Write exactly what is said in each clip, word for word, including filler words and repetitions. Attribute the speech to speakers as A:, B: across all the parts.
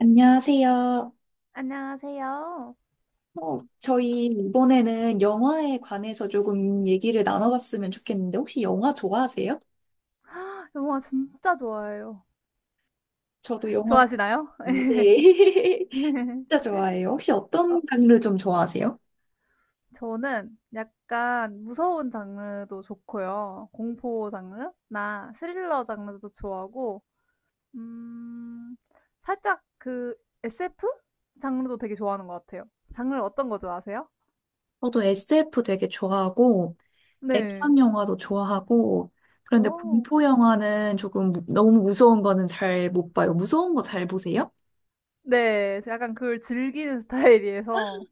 A: 안녕하세요.
B: 안녕하세요.
A: 어, 저희 이번에는 영화에 관해서 조금 얘기를 나눠봤으면 좋겠는데, 혹시 영화 좋아하세요?
B: 영화 진짜 좋아해요.
A: 저도 영화
B: 좋아하시나요?
A: 좋아해요. 네. 진짜 좋아해요. 혹시
B: 어,
A: 어떤 장르 좀 좋아하세요?
B: 저는 약간 무서운 장르도 좋고요. 공포 장르나 스릴러 장르도 좋아하고, 음, 살짝 그 에스에프 장르도 되게 좋아하는 것 같아요. 장르 어떤 거 좋아하세요?
A: 저도 에스에프 되게 좋아하고,
B: 네.
A: 액션 영화도 좋아하고, 그런데
B: 오.
A: 공포 영화는 조금 무- 너무 무서운 거는 잘 못 봐요. 무서운 거 잘 보세요?
B: 네, 약간 그걸 즐기는 스타일이어서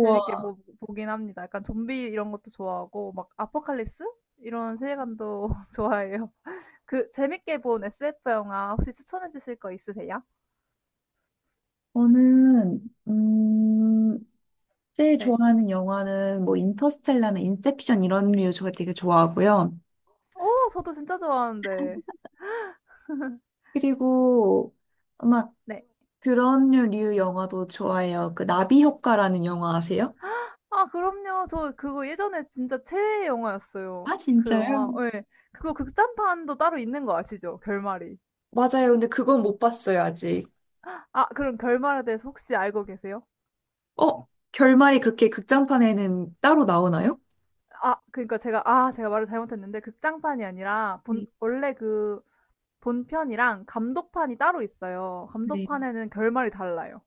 B: 재밌게 보, 보긴 합니다. 약간 좀비 이런 것도 좋아하고 막 아포칼립스 이런 세계관도 좋아해요. 그 재밌게 본 에스에프 영화 혹시 추천해 주실 거 있으세요?
A: 저는, 음, 제일
B: 네.
A: 좋아하는 영화는 뭐 인터스텔라나 인셉션 이런 류 제가 되게 좋아하고요.
B: 오, 저도 진짜 좋아하는데.
A: 그리고 막
B: 네.
A: 그런 류 영화도 좋아해요. 그 나비 효과라는 영화 아세요?
B: 아, 그럼요. 저 그거 예전에 진짜 최애 영화였어요.
A: 아,
B: 그 영화,
A: 진짜요?
B: 예. 그거 극장판도 따로 있는 거 아시죠? 결말이.
A: 맞아요. 근데 그건 못 봤어요, 아직.
B: 아, 그럼 결말에 대해서 혹시 알고 계세요?
A: 어? 결말이 그렇게 극장판에는 따로 나오나요?
B: 아, 그러니까 제가, 아, 제가 말을 잘못했는데, 극장판이 아니라,
A: 네.
B: 본, 원래 그 본편이랑 감독판이 따로 있어요.
A: 네.
B: 감독판에는 결말이 달라요.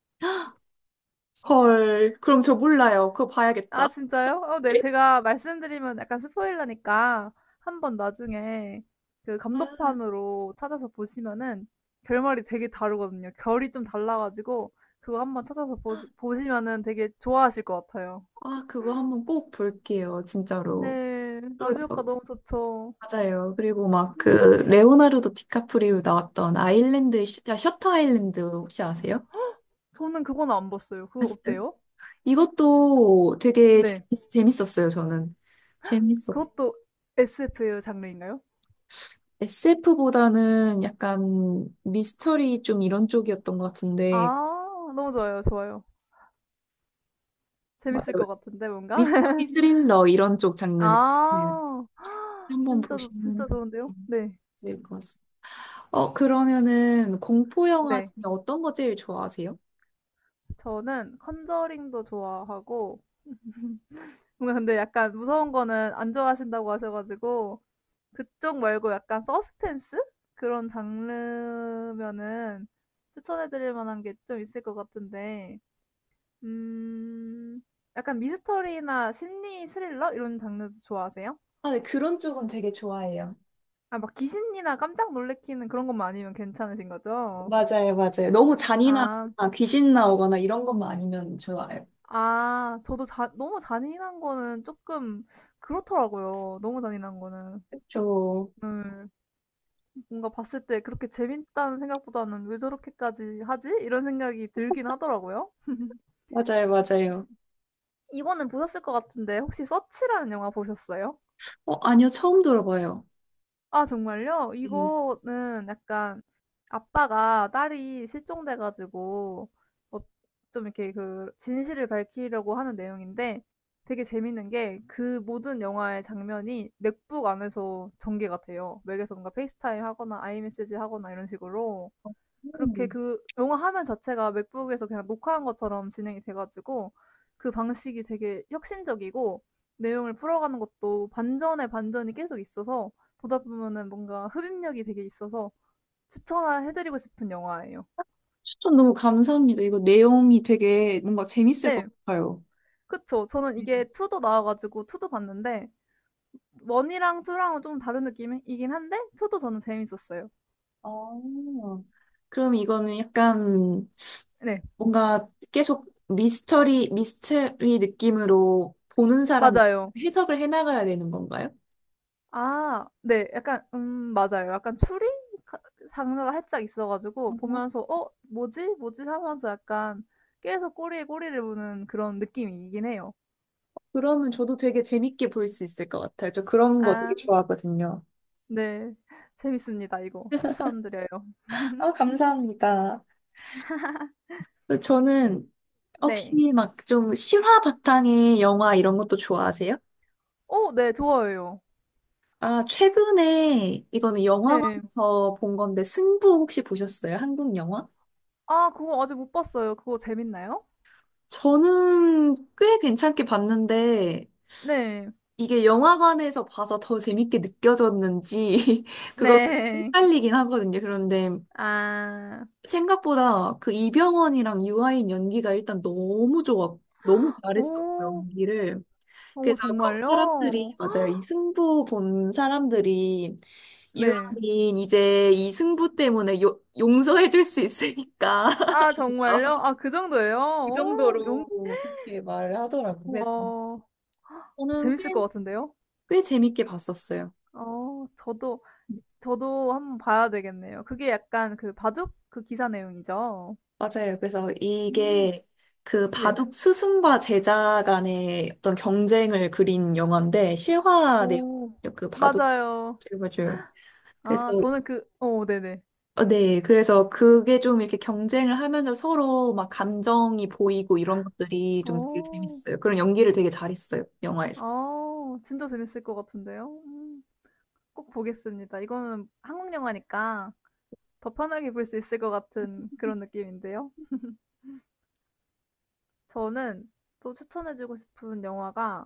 A: 헐, 그럼 저 몰라요. 그거 봐야겠다.
B: 아 진짜요? 어 네. 제가 말씀드리면 약간 스포일러니까 한번 나중에 그
A: 아,
B: 감독판으로 찾아서 보시면은 결말이 되게 다르거든요. 결이 좀 달라 가지고 그거 한번 찾아서 보시 보시면은 되게 좋아하실 것 같아요.
A: 아, 그거 한번 꼭 볼게요, 진짜로.
B: 네. 나비효과
A: 그리고
B: 너무 좋죠.
A: 맞아요. 그리고 막 그 레오나르도 디카프리오 나왔던 아일랜드 셔- 아, 셔터 아일랜드 혹시 아세요?
B: 저는 그거는 안 봤어요. 그거
A: 아시나요?
B: 어때요?
A: 이것도 되게
B: 네.
A: 재밌, 재밌었어요. 저는 재밌었.
B: 그것도 에스에프의 장르인가요?
A: 에스에프보다는 약간 미스터리 좀 이런 쪽이었던 것 같은데
B: 아 너무 좋아요. 좋아요. 재밌을
A: 맞아요.
B: 것 같은데 뭔가?
A: 미스터리 스릴러 이런 쪽 장르는 네.
B: 아.
A: 한번
B: 진짜 좋
A: 보시면
B: 진짜 좋은데요? 네.
A: 있을 것 같습니다. 어 그러면은 공포 영화
B: 네.
A: 중에 어떤 거 제일 좋아하세요?
B: 저는 컨저링도 좋아하고 뭔가 근데 약간 무서운 거는 안 좋아하신다고 하셔 가지고 그쪽 말고 약간 서스펜스 그런 장르면은 추천해 드릴 만한 게 좀 있을 것 같은데 음 약간 미스터리나 심리 스릴러 이런 장르도 좋아하세요?
A: 아, 네, 그런 쪽은 되게 좋아해요.
B: 아 막 귀신이나 깜짝 놀래키는 그런 것만 아니면 괜찮으신 거죠?
A: 맞아요, 맞아요. 너무
B: 아.
A: 잔인하거나 귀신 나오거나 이런 것만 아니면 좋아요.
B: 아 저도 자 너무 잔인한 거는 조금 그렇더라고요, 너무 잔인한 거는.
A: 저,
B: 네. 뭔가 봤을 때 그렇게 재밌다는 생각보다는 '왜 저렇게까지 하지?' 이런 생각이 들긴 하더라고요.
A: 맞아요, 맞아요.
B: 이거는 보셨을 것 같은데 혹시 서치라는 영화 보셨어요?
A: 어, 아니요, 처음 들어봐요.
B: 아, 정말요?
A: 네.
B: 이거는 약간 아빠가 딸이 실종돼 가지고 어 좀 이렇게 그 진실을 밝히려고 하는 내용인데 되게 재밌는 게 그 모든 영화의 장면이 맥북 안에서 전개가 돼요. 맥에서 뭔가 페이스타임 하거나 아이메시지 하거나 이런 식으로. 그렇게
A: 음,
B: 그 영화 화면 자체가 맥북에서 그냥 녹화한 것처럼 진행이 돼 가지고 그 방식이 되게 혁신적이고 내용을 풀어가는 것도 반전에 반전이 계속 있어서 보다 보면은 뭔가 흡입력이 되게 있어서 추천해 드리고 싶은 영화예요.
A: 추천 너무 감사합니다. 이거 내용이 되게 뭔가 재밌을 것
B: 네.
A: 같아요.
B: 그쵸. 저는
A: 네.
B: 이게 이도 나와 가지고 이도 봤는데 원 이랑 투 랑은 좀 다른 느낌이긴 한데 이도 저는 재밌었어요.
A: 아, 그럼 이거는 약간
B: 네.
A: 뭔가 계속 미스터리, 미스터리 느낌으로 보는 사람이
B: 맞아요.
A: 해석을 해나가야 되는 건가요?
B: 아 네. 약간 음 맞아요. 약간 추리 가 장르가 살짝 있어 가지고
A: 어,
B: 보면서 '어 뭐지? 뭐지?' 하면서 약간 계속 꼬리에 꼬리를 무는 그런 느낌이긴 해요.
A: 그러면 저도 되게 재밌게 볼 수 있을 것 같아요. 저 그런 거
B: 아
A: 되게 좋아하거든요.
B: 네. 재밌습니다 이거. 추천드려요.
A: 아, 감사합니다. 그 저는 혹시
B: 네.
A: 막 좀 실화 바탕의 영화 이런 것도 좋아하세요?
B: 어 네. 좋아요요
A: 아, 최근에 이거는
B: 네.
A: 영화관에서 본 건데 승부 혹시 보셨어요? 한국 영화?
B: 아 그거 아직 못 봤어요. 그거 재밌나요?
A: 저는 꽤 괜찮게 봤는데
B: 네.
A: 이게 영화관에서 봐서 더 재밌게 느껴졌는지 그거
B: 네.
A: 헷갈리긴 하거든요. 그런데
B: 아.
A: 생각보다 그 이병헌이랑 유아인 연기가 일단 너무 좋았, 너무 잘했었고
B: 오.
A: 연기를.
B: 어
A: 그래서 거- 사람들이
B: 정말요?
A: 맞아요. 이 승부 본 사람들이
B: 네.
A: 유아인 이제 이 승부 때문에 요, 용서해줄 수 있으니까
B: 아
A: 어,
B: 정말요? 아 그 정도예요?
A: 그
B: 오, 용
A: 정도로 그렇게 말을 하더라고요. 그래서
B: 와.
A: 저는 꽤,
B: 재밌을 것 같은데요?
A: 꽤 재밌게 봤었어요.
B: 어 저도 저도 한번 봐야 되겠네요. 그게 약간 그 바둑 그 기사 내용이죠?
A: 맞아요. 그래서
B: 음
A: 이게 그
B: 네.
A: 바둑 스승과 제자 간의 어떤 경쟁을 그린 영화인데 실화 내용
B: 오
A: 그 바둑
B: 맞아요.
A: 요 맞아요. 그래서
B: 아 저는 그 어 네네.
A: 어, 네, 그래서 그게 좀 이렇게 경쟁을 하면서 서로 막 감정이 보이고 이런 것들이 좀 되게
B: 어.
A: 재밌어요. 그런 연기를 되게 잘했어요, 영화에서.
B: 아 진짜 재밌을 것 같은데요? 음 꼭 보겠습니다. 이거는 한국 영화니까 더 편하게 볼 수 있을 것 같은 그런 느낌인데요. 저는 또 추천해 주고 싶은 영화가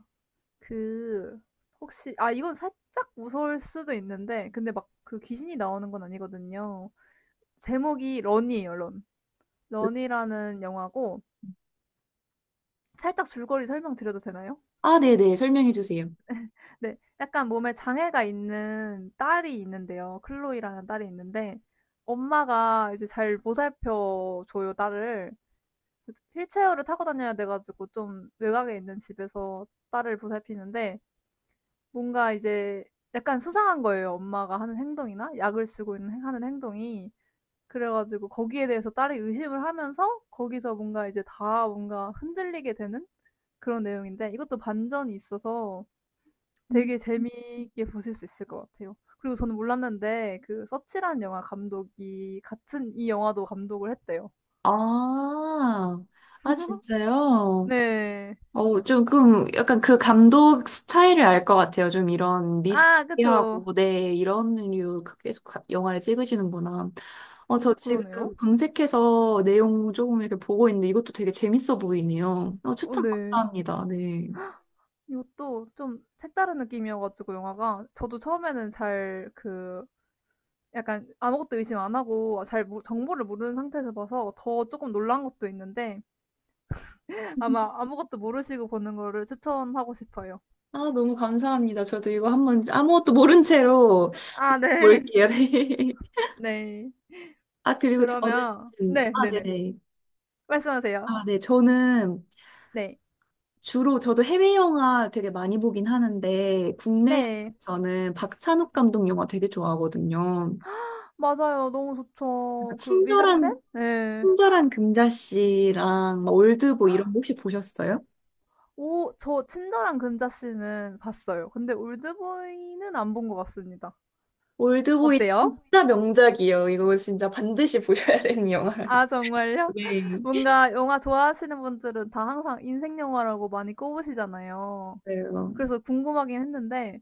B: 그 혹시 아 이건 살짝 무서울 수도 있는데 근데 막 그 귀신이 나오는 건 아니거든요. 제목이 런이에요, 런. 런이라는 영화고 살짝 줄거리 설명드려도 되나요?
A: 아, 네네, 설명해 주세요.
B: 네. 약간 몸에 장애가 있는 딸이 있는데요. 클로이라는 딸이 있는데 엄마가 이제 잘 보살펴 줘요, 딸을. 휠체어를 타고 다녀야 돼 가지고 좀 외곽에 있는 집에서 딸을 보살피는데 뭔가 이제 약간 수상한 거예요, 엄마가 하는 행동이나 약을 쓰고 있는 행 하는 행동이. 그래 가지고 거기에 대해서 딸이 의심을 하면서 거기서 뭔가 이제 다 뭔가 흔들리게 되는 그런 내용인데 이것도 반전이 있어서
A: 음.
B: 되게 재미있게 보실 수 있을 것 같아요. 그리고 저는 몰랐는데 그 서치란 영화 감독이 같은 이 영화도 감독을 했대요.
A: 아, 아, 진짜요?
B: 네.
A: 어, 좀, 그럼 약간 그 감독 스타일을 알 것 같아요. 좀 이런
B: 아 그쵸.
A: 미스티하고, 네, 이런 류 계속 가- 영화를 찍으시는구나. 어, 저
B: 어 그러네요.
A: 지금 검색해서 내용 조금 이렇게 보고 있는데 이것도 되게 재밌어 보이네요. 어,
B: 어
A: 추천
B: 네.
A: 감사합니다. 네.
B: 이것도 좀 색다른 느낌이어 가지고 영화가 저도 처음에는 잘 그 약간 아무것도 의심 안 하고 잘 모 정보를 모르는 상태에서 봐서 더 조금 놀란 것도 있는데 아마 아무것도 모르시고 보는 거를 추천하고 싶어요.
A: 아, 너무 감사합니다. 저도 이거 한번 아무것도 모른 채로
B: 아 네.
A: 볼게요. 네.
B: 네.
A: 아, 그리고 저는,
B: 그러면 네
A: 아,
B: 네 네.
A: 네네.
B: 말씀하세요.
A: 아, 네. 저는
B: 네.
A: 주로 저도 해외 영화 되게 많이 보긴 하는데, 국내
B: 네.
A: 영화에서는 박찬욱 감독 영화 되게 좋아하거든요.
B: 맞아요. 너무
A: 약간
B: 좋죠. 그 미장센?
A: 친절한,
B: 네
A: 친절한 금자씨랑 막 올드보이 이런 거 혹시 보셨어요?
B: 오 저 친절한 금자씨는 봤어요. 근데 올드보이는 안 본 것 같습니다.
A: 올드보이
B: 어때요?
A: 진짜 명작이에요. 이거 진짜 반드시 보셔야 되는 영화예요.
B: 아 정말요?
A: 네.
B: 뭔가 영화 좋아하시는 분들은 다 항상 인생 영화라고 많이 꼽으시잖아요.
A: 네.
B: 그래서 궁금하긴 했는데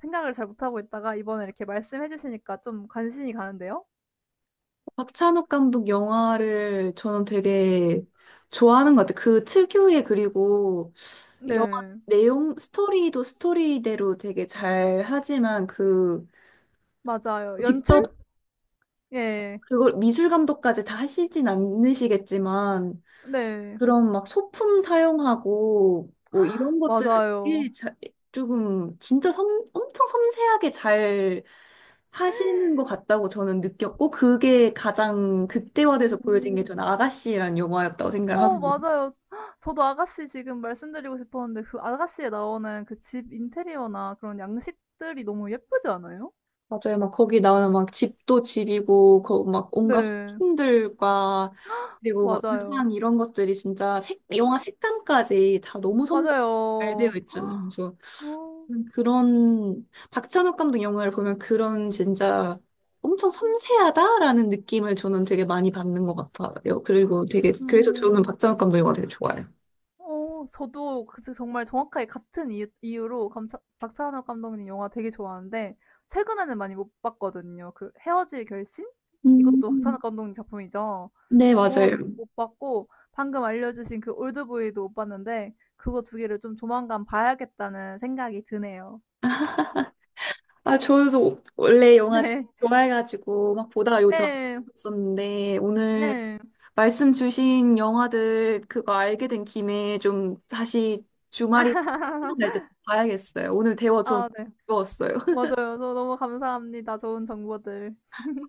B: 생각을 잘 못하고 있다가 이번에 이렇게 말씀해 주시니까 좀 관심이 가는데요.
A: 박찬욱 감독 영화를 저는 되게 좋아하는 것 같아요. 그 특유의 그리고 영화
B: 네.
A: 내용, 스토리도 스토리대로 되게 잘 하지만 그
B: 맞아요. 연출?
A: 직접
B: 예.
A: 그걸 미술 감독까지 다 하시진 않으시겠지만
B: 네.
A: 그런 막 소품 사용하고 뭐 이런 것들을
B: 맞아요.
A: 되게 자- 조금 진짜 섬, 엄청 섬세하게 잘 하시는 것 같다고 저는 느꼈고 그게 가장 극대화돼서 보여진 게
B: 오.
A: 저는 아가씨란 영화였다고 생각을
B: 어
A: 하거든요.
B: 맞아요. 저도 아가씨 지금 말씀드리고 싶었는데 그 아가씨에 나오는 그 집 인테리어나 그런 양식들이 너무 예쁘지 않아요?
A: 맞아요. 막 거기 나오는 막 집도 집이고 거, 막 온갖
B: 네.
A: 소품들과 그리고 막
B: 맞아요.
A: 의상 이런 것들이 진짜 색, 영화 색감까지 다 너무 섬세히 잘 되어
B: 맞아요.
A: 있잖아요. 그래서
B: 어.
A: 음, 그런 박찬욱 감독 영화를 보면 그런 진짜 엄청 섬세하다라는 느낌을 저는 되게 많이 받는 것 같아요. 그리고 되게 그래서 저는
B: 음.
A: 박찬욱 감독 영화 되게 좋아해요.
B: 어 저도 그 정말 정확하게 같은 이유 이유로 감차 박찬욱 감독님 영화 되게 좋아하는데 최근에는 많이 못 봤거든요. 그 헤어질 결심? 이것도 박찬욱
A: 음.
B: 감독님 작품이죠.
A: 네, 맞아요.
B: 그거는 못 못 봤고 방금 알려주신 그 올드보이도 못 봤는데 그거 두 개를 좀 조만간 봐야겠다는 생각이 드네요.
A: 아, 저도 원래 영화 진짜 좋아해가지고 막 보다가 요즘 안
B: 네. 네.
A: 봤었는데 오늘
B: 네.
A: 말씀 주신 영화들 그거 알게 된 김에 좀 다시 주말이 시간 날때 봐야겠어요. 오늘 대화 전
B: 아 네.
A: 즐거웠어요.
B: 맞아요. 저 너무 감사합니다. 좋은 정보들.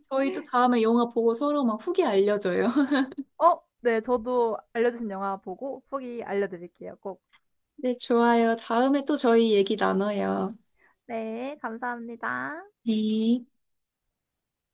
A: 저희도 다음에 영화 보고 서로 막 후기 알려줘요.
B: 어 네. 저도 알려 주신 영화 보고 후기 알려 드릴게요, 꼭.
A: 네, 좋아요. 다음에 또 저희 얘기 나눠요.
B: 네. 감사합니다.
A: 네.